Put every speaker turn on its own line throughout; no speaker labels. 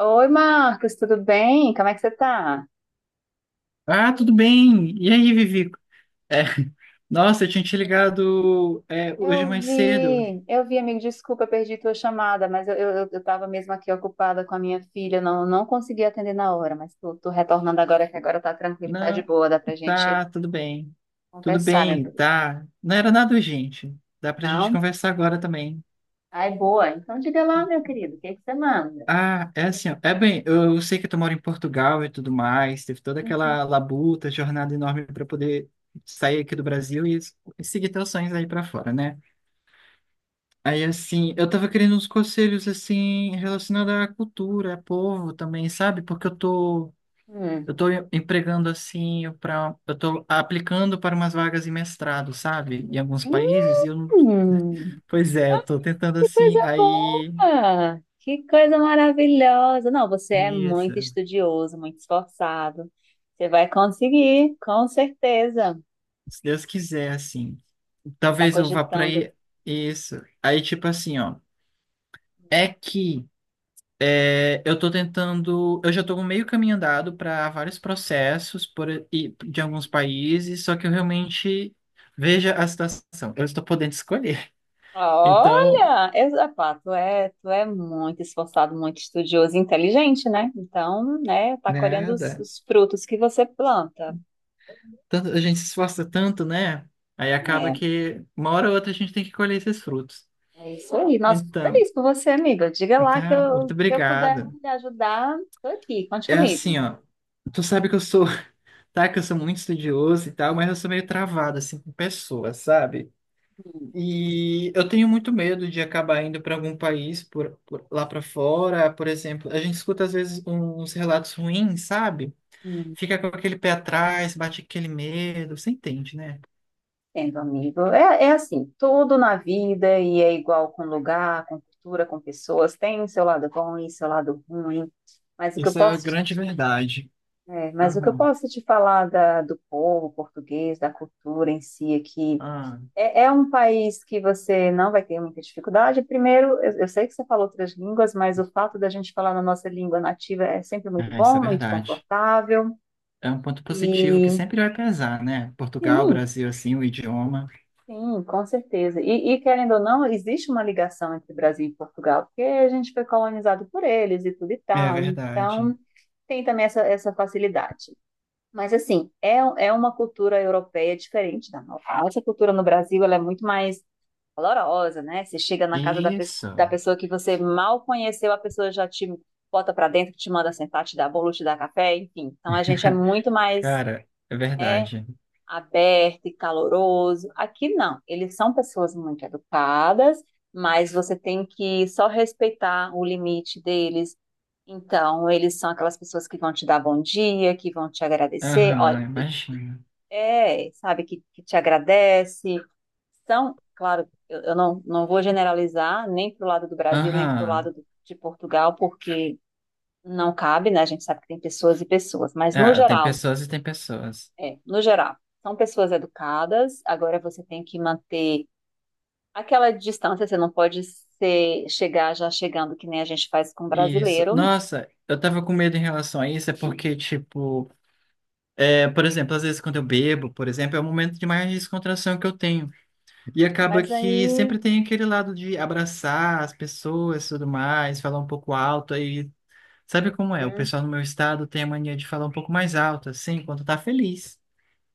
Oi, Marcos, tudo bem? Como é que você tá?
Ah, tudo bem. E aí, Vivi? É, Nossa, eu tinha te ligado hoje
Eu
mais cedo.
vi, eu vi, amigo, desculpa, perdi tua chamada, mas eu tava mesmo aqui ocupada com a minha filha, não consegui atender na hora, mas tô retornando agora, que agora tá tranquilo, tá de
Não,
boa, dá pra gente
tá, tudo bem. Tudo
conversar, meu
bem,
querido.
tá. Não era nada urgente. Dá pra gente
Não?
conversar agora também.
Ai, boa. Então diga lá, meu querido, o que é que você manda?
Ah, é assim, ó. É bem, eu sei que tu mora em Portugal e tudo mais. Teve toda
Uhum.
aquela labuta, jornada enorme para poder sair aqui do Brasil e seguir teus sonhos aí pra fora, né? Aí, assim, eu tava querendo uns conselhos, assim, relacionados à cultura, a povo também, sabe?
Hum.
Eu tô empregando, eu tô aplicando para umas vagas de mestrado, sabe? Em alguns países, e eu não...
Hum.
Pois é, eu tô tentando,
Que
assim,
coisa
aí...
boa! Que coisa maravilhosa! Não, você é
Isso.
muito estudioso, muito esforçado. Você vai conseguir, com certeza.
Se Deus quiser, assim.
Você está
Talvez eu vá pra
cogitando.
aí... Isso. Aí, tipo assim, ó. É que... É, eu tô tentando. Eu já tô meio caminho andado para vários processos de alguns países, só que eu realmente veja a situação. Eu estou podendo escolher.
Ah,
Então,
olha, epá, tu é muito esforçado, muito estudioso e inteligente, né? Então, né, tá colhendo os,
nada.
os frutos que você planta.
Tanto, a gente se esforça tanto, né? Aí acaba
É,
que uma hora ou outra a gente tem que colher esses frutos.
é isso aí. Nossa, fico
Então,
feliz por você, amiga. Diga lá que
tá, muito
que eu puder
obrigado.
lhe ajudar, tô aqui. Conte
É
comigo.
assim, ó. Tu sabe que eu sou, tá? Que eu sou muito estudioso e tal, mas eu sou meio travado, assim, com pessoas, sabe?
Hum.
E eu tenho muito medo de acabar indo para algum país lá para fora, por exemplo. A gente escuta às vezes uns relatos ruins, sabe?
Hum.
Fica com aquele pé atrás, bate aquele medo, você entende, né?
Entendo, amigo. É, é assim, tudo na vida e é igual com lugar, com cultura, com pessoas, tem o seu lado bom e seu lado ruim. Mas o que eu
Isso é a
posso
grande verdade.
é, mas o que eu
Aham,
posso te falar do povo português, da cultura em si aqui,
ah
é, é um país que você não vai ter muita dificuldade. Primeiro, eu sei que você falou outras línguas, mas o fato da gente falar na nossa língua nativa é sempre muito
é, isso é
bom, muito
verdade.
confortável.
É um ponto positivo que
E
sempre vai pesar, né? Portugal,
sim,
Brasil, assim, o idioma.
sim, com certeza. E querendo ou não, existe uma ligação entre Brasil e Portugal, porque a gente foi colonizado por eles e tudo e
É
tal.
verdade.
Então, tem também essa facilidade. Mas, assim, é, é uma cultura europeia diferente da nossa. A nossa cultura no Brasil, ela é muito mais valorosa, né? Você chega na casa da, pe da
Isso,
pessoa que você mal conheceu, a pessoa já te bota para dentro, te manda sentar, te dá bolo, te dá café, enfim. Então, a gente é muito mais,
cara, é
né,
verdade.
aberto e caloroso. Aqui não, eles são pessoas muito educadas, mas você tem que só respeitar o limite deles. Então, eles são aquelas pessoas que vão te dar bom dia, que vão te agradecer, olha,
Aham, imagina.
é, sabe, que te agradece. São, claro, eu não vou generalizar nem para o lado do Brasil, nem para o lado
Aham.
de Portugal, porque não cabe, né? A gente sabe que tem pessoas e pessoas, mas no
Ah, tem
geral,
pessoas e tem pessoas.
no geral, são pessoas educadas, agora você tem que manter aquela distância, você não pode ser, chegar já chegando que nem a gente faz com
Isso.
brasileiro.
Nossa, eu tava com medo em relação a isso, é porque, tipo, é, por exemplo, às vezes quando eu bebo, por exemplo, é o momento de mais descontração que eu tenho. E acaba
Mas
que
aí,
sempre tem aquele lado de abraçar as pessoas e tudo mais, falar um pouco alto. Aí, sabe como é? O
hum,
pessoal no meu estado tem a mania de falar um pouco mais alto, assim, quando tá feliz.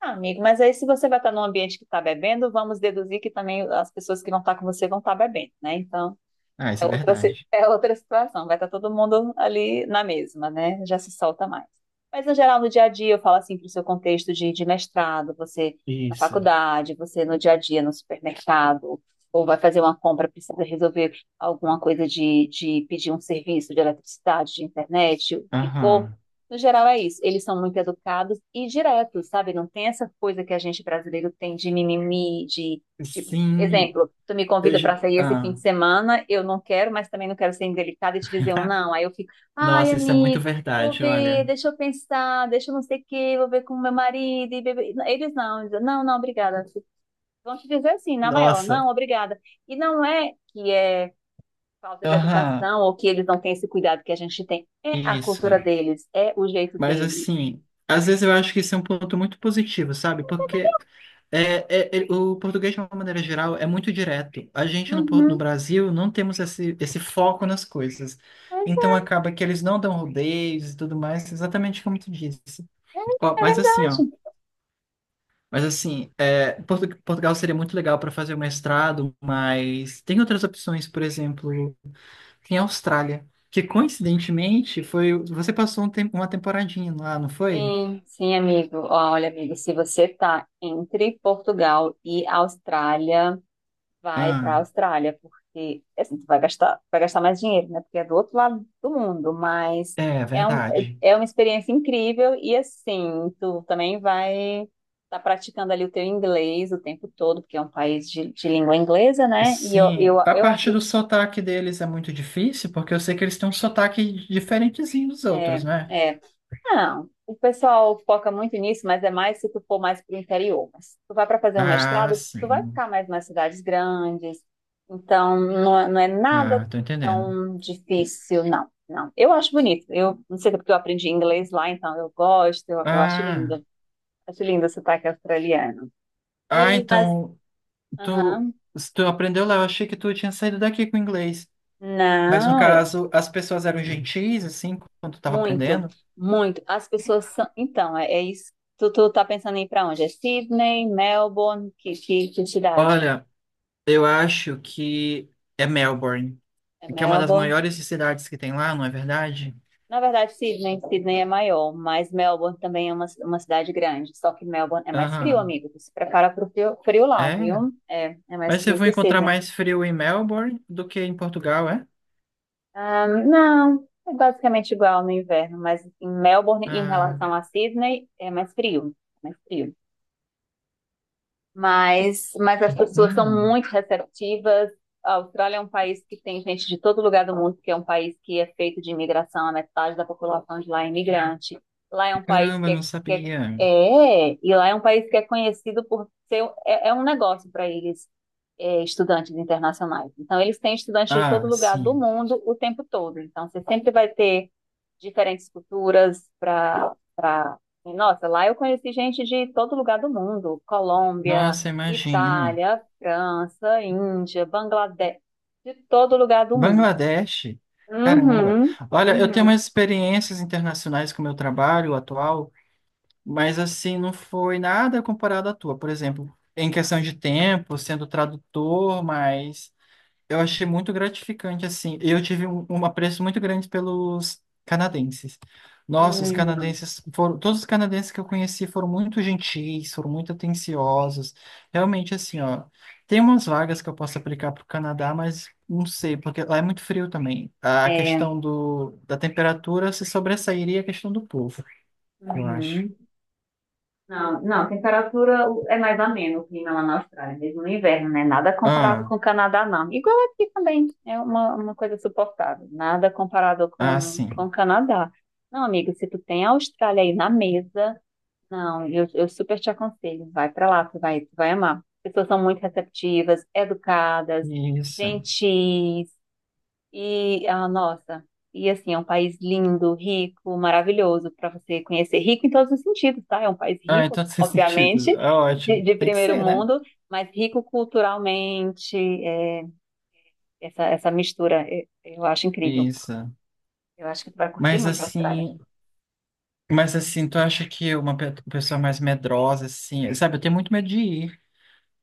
ah, amigo, mas aí se você vai estar num ambiente que está bebendo, vamos deduzir que também as pessoas que vão estar com você vão estar bebendo, né? Então,
Ah, isso
é
é
outra,
verdade.
é outra situação, vai estar todo mundo ali na mesma, né? Já se solta mais. Mas, no geral, no dia a dia, eu falo assim para o seu contexto de mestrado, você na
Isso.
faculdade, você no dia a dia, no supermercado, ou vai fazer uma compra, precisa resolver alguma coisa de pedir um serviço de eletricidade, de internet, o que for.
Aham.
No geral, é isso. Eles são muito educados e diretos, sabe? Não tem essa coisa que a gente brasileiro tem de mimimi, de
Sim.
exemplo, tu me convida para sair esse fim
Ah.
de semana, eu não quero, mas também não quero ser indelicada e te dizer um não. Aí eu fico, ai,
Nossa, isso é muito
amigo, vou
verdade,
ver,
olha.
deixa eu pensar, deixa eu não sei o quê, vou ver com meu marido e bebê. Eles não, dizem, não, não, obrigada. Vão te dizer assim, na maior,
Nossa.
não, obrigada. E não é que é falta de
Aham,
educação ou que eles não têm esse cuidado que a gente tem. É a
isso.
cultura deles, é o jeito
Mas
deles.
assim, às vezes eu acho que isso é um ponto muito positivo, sabe? Porque é, o português, de uma maneira geral, é muito direto. A gente no
Uhum,
Brasil não temos esse foco nas coisas.
pois
Então acaba que eles não dão rodeios e tudo mais, exatamente como tu disse.
é, é, é
Ó.
verdade.
Mas assim, é, Portugal seria muito legal para fazer o mestrado, mas tem outras opções, por exemplo, em Austrália. Que coincidentemente foi. Você passou uma temporadinha lá, não foi?
Sim, sim, amigo. Ó, olha, amigo, se você está entre Portugal e Austrália, vai para a
Ah,
Austrália, porque assim, tu vai gastar mais dinheiro, né? Porque é do outro lado do mundo, mas
é
é, um,
verdade.
é uma experiência incrível e assim, tu também vai estar praticando ali o teu inglês o tempo todo, porque é um país de língua inglesa, né? E eu,
Sim,
eu,
a
eu
parte do
acredito.
sotaque deles é muito difícil, porque eu sei que eles têm um sotaque diferentezinho dos
É,
outros, né?
é. Não, o pessoal foca muito nisso, mas é mais se tu for mais para o interior. Mas se tu vai para fazer um
Ah,
mestrado, tu vai
sim.
ficar mais nas cidades grandes. Então, não, não é nada
Ah, tô entendendo.
tão difícil, não. Não, eu acho bonito. Eu não sei se é porque eu aprendi inglês lá, então eu gosto, eu acho
Ah,
lindo. Acho lindo o sotaque australiano.
ah,
E, mas,
então tu,
aham.
tu aprendeu lá, eu achei que tu tinha saído daqui com inglês. Mas no
Não, é
caso, as pessoas eram gentis, assim, quando tu tava
muito,
aprendendo.
muito. As pessoas são. Então, é, é isso. Tu tá pensando em ir para onde? É Sydney, Melbourne, que cidade?
Olha, eu acho que é Melbourne,
É
que é uma das
Melbourne.
maiores cidades que tem lá, não é verdade?
Na verdade, Sydney é maior, mas Melbourne também é uma cidade grande. Só que Melbourne é mais frio,
Aham,
amigo. Tu se prepara pro frio, frio lá,
é.
viu? É, é mais
Mas você
frio
vai
que
encontrar
Sydney.
mais frio em Melbourne do que em Portugal, é?
Ah, não, é basicamente igual no inverno, mas em Melbourne, em
Ah,
relação a Sydney, é mais frio. Mais frio. Mas as pessoas são
hum.
muito receptivas. A Austrália é um país que tem gente de todo lugar do mundo, que é um país que é feito de imigração, a metade da população de lá é imigrante. Lá é um país que
Caramba,
é,
não
que é,
sabia.
é, e lá é um país que é conhecido por ser, é, é um negócio para eles, é, estudantes internacionais. Então, eles têm estudantes de todo
Ah,
lugar do
sim.
mundo o tempo todo. Então, você sempre vai ter diferentes culturas para nossa, lá eu conheci gente de todo lugar do mundo, Colômbia,
Nossa, imagino.
Itália, França, Índia, Bangladesh, de todo lugar do mundo.
Bangladesh, caramba.
Uhum,
Olha, eu tenho
uhum,
umas experiências internacionais com o meu trabalho atual, mas assim, não foi nada comparado à tua. Por exemplo, em questão de tempo, sendo tradutor, mas eu achei muito gratificante, assim. Eu tive um apreço muito grande pelos canadenses. Nossa, os
uhum.
canadenses foram, todos os canadenses que eu conheci foram muito gentis, foram muito atenciosos. Realmente, assim, ó, tem umas vagas que eu posso aplicar para o Canadá, mas não sei, porque lá é muito frio também. A
É,
questão da temperatura se sobressairia a questão do povo, eu acho.
uhum. Não, não, temperatura é mais ameno o clima lá na Austrália, mesmo no inverno, né? Nada comparado
Ah.
com o Canadá, não. Igual aqui também, é uma coisa suportável. Nada comparado
Ah,
com o
sim.
Canadá. Não, amigo, se tu tem a Austrália aí na mesa, não, eu super te aconselho, vai pra lá, tu vai amar. As pessoas são muito receptivas, educadas,
Isso.
gentis, e, ah, nossa, e assim, é um país lindo, rico, maravilhoso para você conhecer. Rico em todos os sentidos, tá? É um país
Ah,
rico,
então faz
obviamente,
sentido. É
de,
ótimo.
de
Tem que
primeiro
ser, né?
mundo, mas rico culturalmente. É, essa mistura, é, eu acho incrível.
Isso.
Eu acho que tu vai curtir
Mas
muito a Austrália.
assim, mas assim, tu acha que uma pessoa mais medrosa, assim, sabe, eu tenho muito medo de ir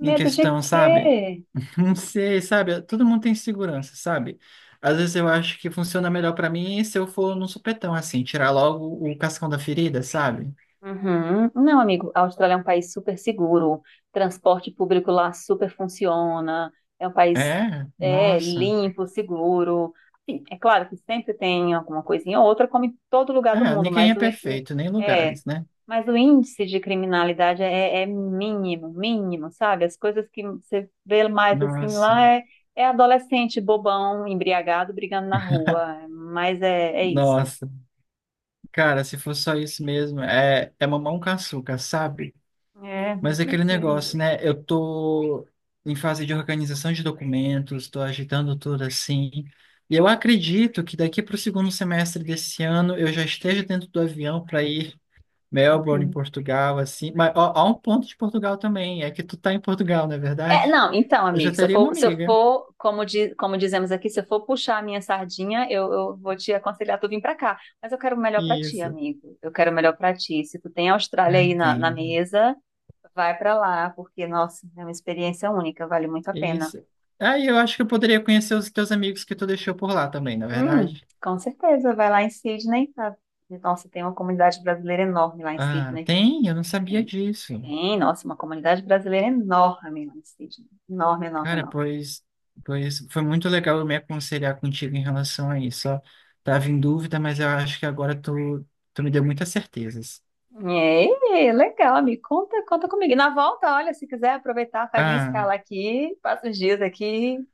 em
Medo de
questão,
quê?
sabe? Não sei, sabe? Todo mundo tem segurança, sabe? Às vezes eu acho que funciona melhor pra mim se eu for num supetão, assim, tirar logo o cascão da ferida, sabe?
Uhum. Não, amigo, a Austrália é um país super seguro, transporte público lá super funciona, é um país
É,
é,
nossa.
limpo, seguro. Assim, é claro que sempre tem alguma coisinha ou outra, como em todo lugar do
É,
mundo,
ninguém
mas
é
o, í- o-
perfeito, nem
é,
lugares, né?
mas o índice de criminalidade é, é mínimo, mínimo, sabe? As coisas que você vê mais assim lá
Nossa.
é, é adolescente bobão, embriagado, brigando na rua, mas é, é isso.
Nossa. Cara, se for só isso mesmo, é, é mamão com açúcar, sabe?
É, é
Mas é aquele
tranquilo.
negócio, né? Eu tô em fase de organização de documentos, tô agitando tudo assim. E eu acredito que daqui para o segundo semestre desse ano eu já esteja dentro do avião para ir Melbourne, em
Uhum.
Portugal, assim. Mas ó, há um ponto de Portugal também, é que tu tá em Portugal, não é
É,
verdade?
não, então,
Eu já
amigo, se eu
teria uma
for, se eu
amiga.
for como, como dizemos aqui, se eu for puxar a minha sardinha, eu vou te aconselhar tu vir pra cá. Mas eu quero o melhor pra ti,
Isso,
amigo. Eu quero o melhor pra ti. Se tu tem a Austrália
eu
aí na
entendo.
mesa, vai pra lá, porque, nossa, é uma experiência única, vale muito a pena.
Isso. Aí eu acho que eu poderia conhecer os teus amigos que tu deixou por lá também, na
Hum,
verdade.
com certeza, vai lá em Sydney, tá? Nossa, tem uma comunidade brasileira enorme lá em
Ah,
Sydney.
tem? Eu não sabia
Tem,
disso.
tem, nossa, uma comunidade brasileira enorme lá em Sydney. Enorme, enorme,
Cara,
enorme.
pois foi muito legal eu me aconselhar contigo em relação a isso. Ó, tava em dúvida, mas eu acho que agora tu, tu me deu muitas certezas.
É, legal, me conta, conta comigo. E na volta, olha, se quiser aproveitar, faz uma
Ah,
escala aqui, passa uns dias aqui.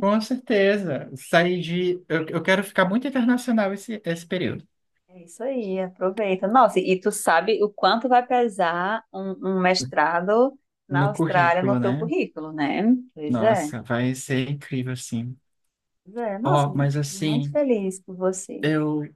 com certeza. Saí de. Eu quero ficar muito internacional esse período.
É isso aí, aproveita. Nossa, e tu sabe o quanto vai pesar um mestrado na
No
Austrália no
currículo,
teu
né?
currículo, né? Pois é,
Nossa, vai ser incrível, assim.
pois é. Nossa,
Ó, mas
muito
assim,
feliz por você.
eu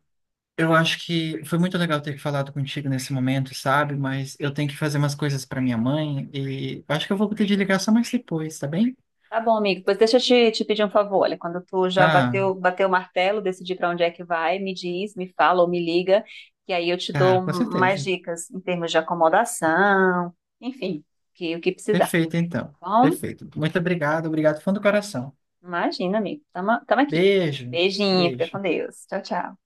Eu acho que foi muito legal ter falado contigo nesse momento, sabe? Mas eu tenho que fazer umas coisas para minha mãe e acho que eu vou ter de ligar só mais depois, tá bem?
Tá bom, amigo. Pois deixa eu te pedir um favor. Olha, quando tu já
Ah,
bateu o martelo, decidir para onde é que vai, me diz, me fala ou me liga, que aí eu te dou
tá, com
mais
certeza.
dicas em termos de acomodação, enfim, que, o que precisar.
Perfeito, então.
Tá bom?
Perfeito. Muito obrigado, obrigado, fundo do coração.
Imagina, amigo. Tamo, tamo aqui.
Beijo,
Beijinho, fica
beijo.
com Deus. Tchau, tchau.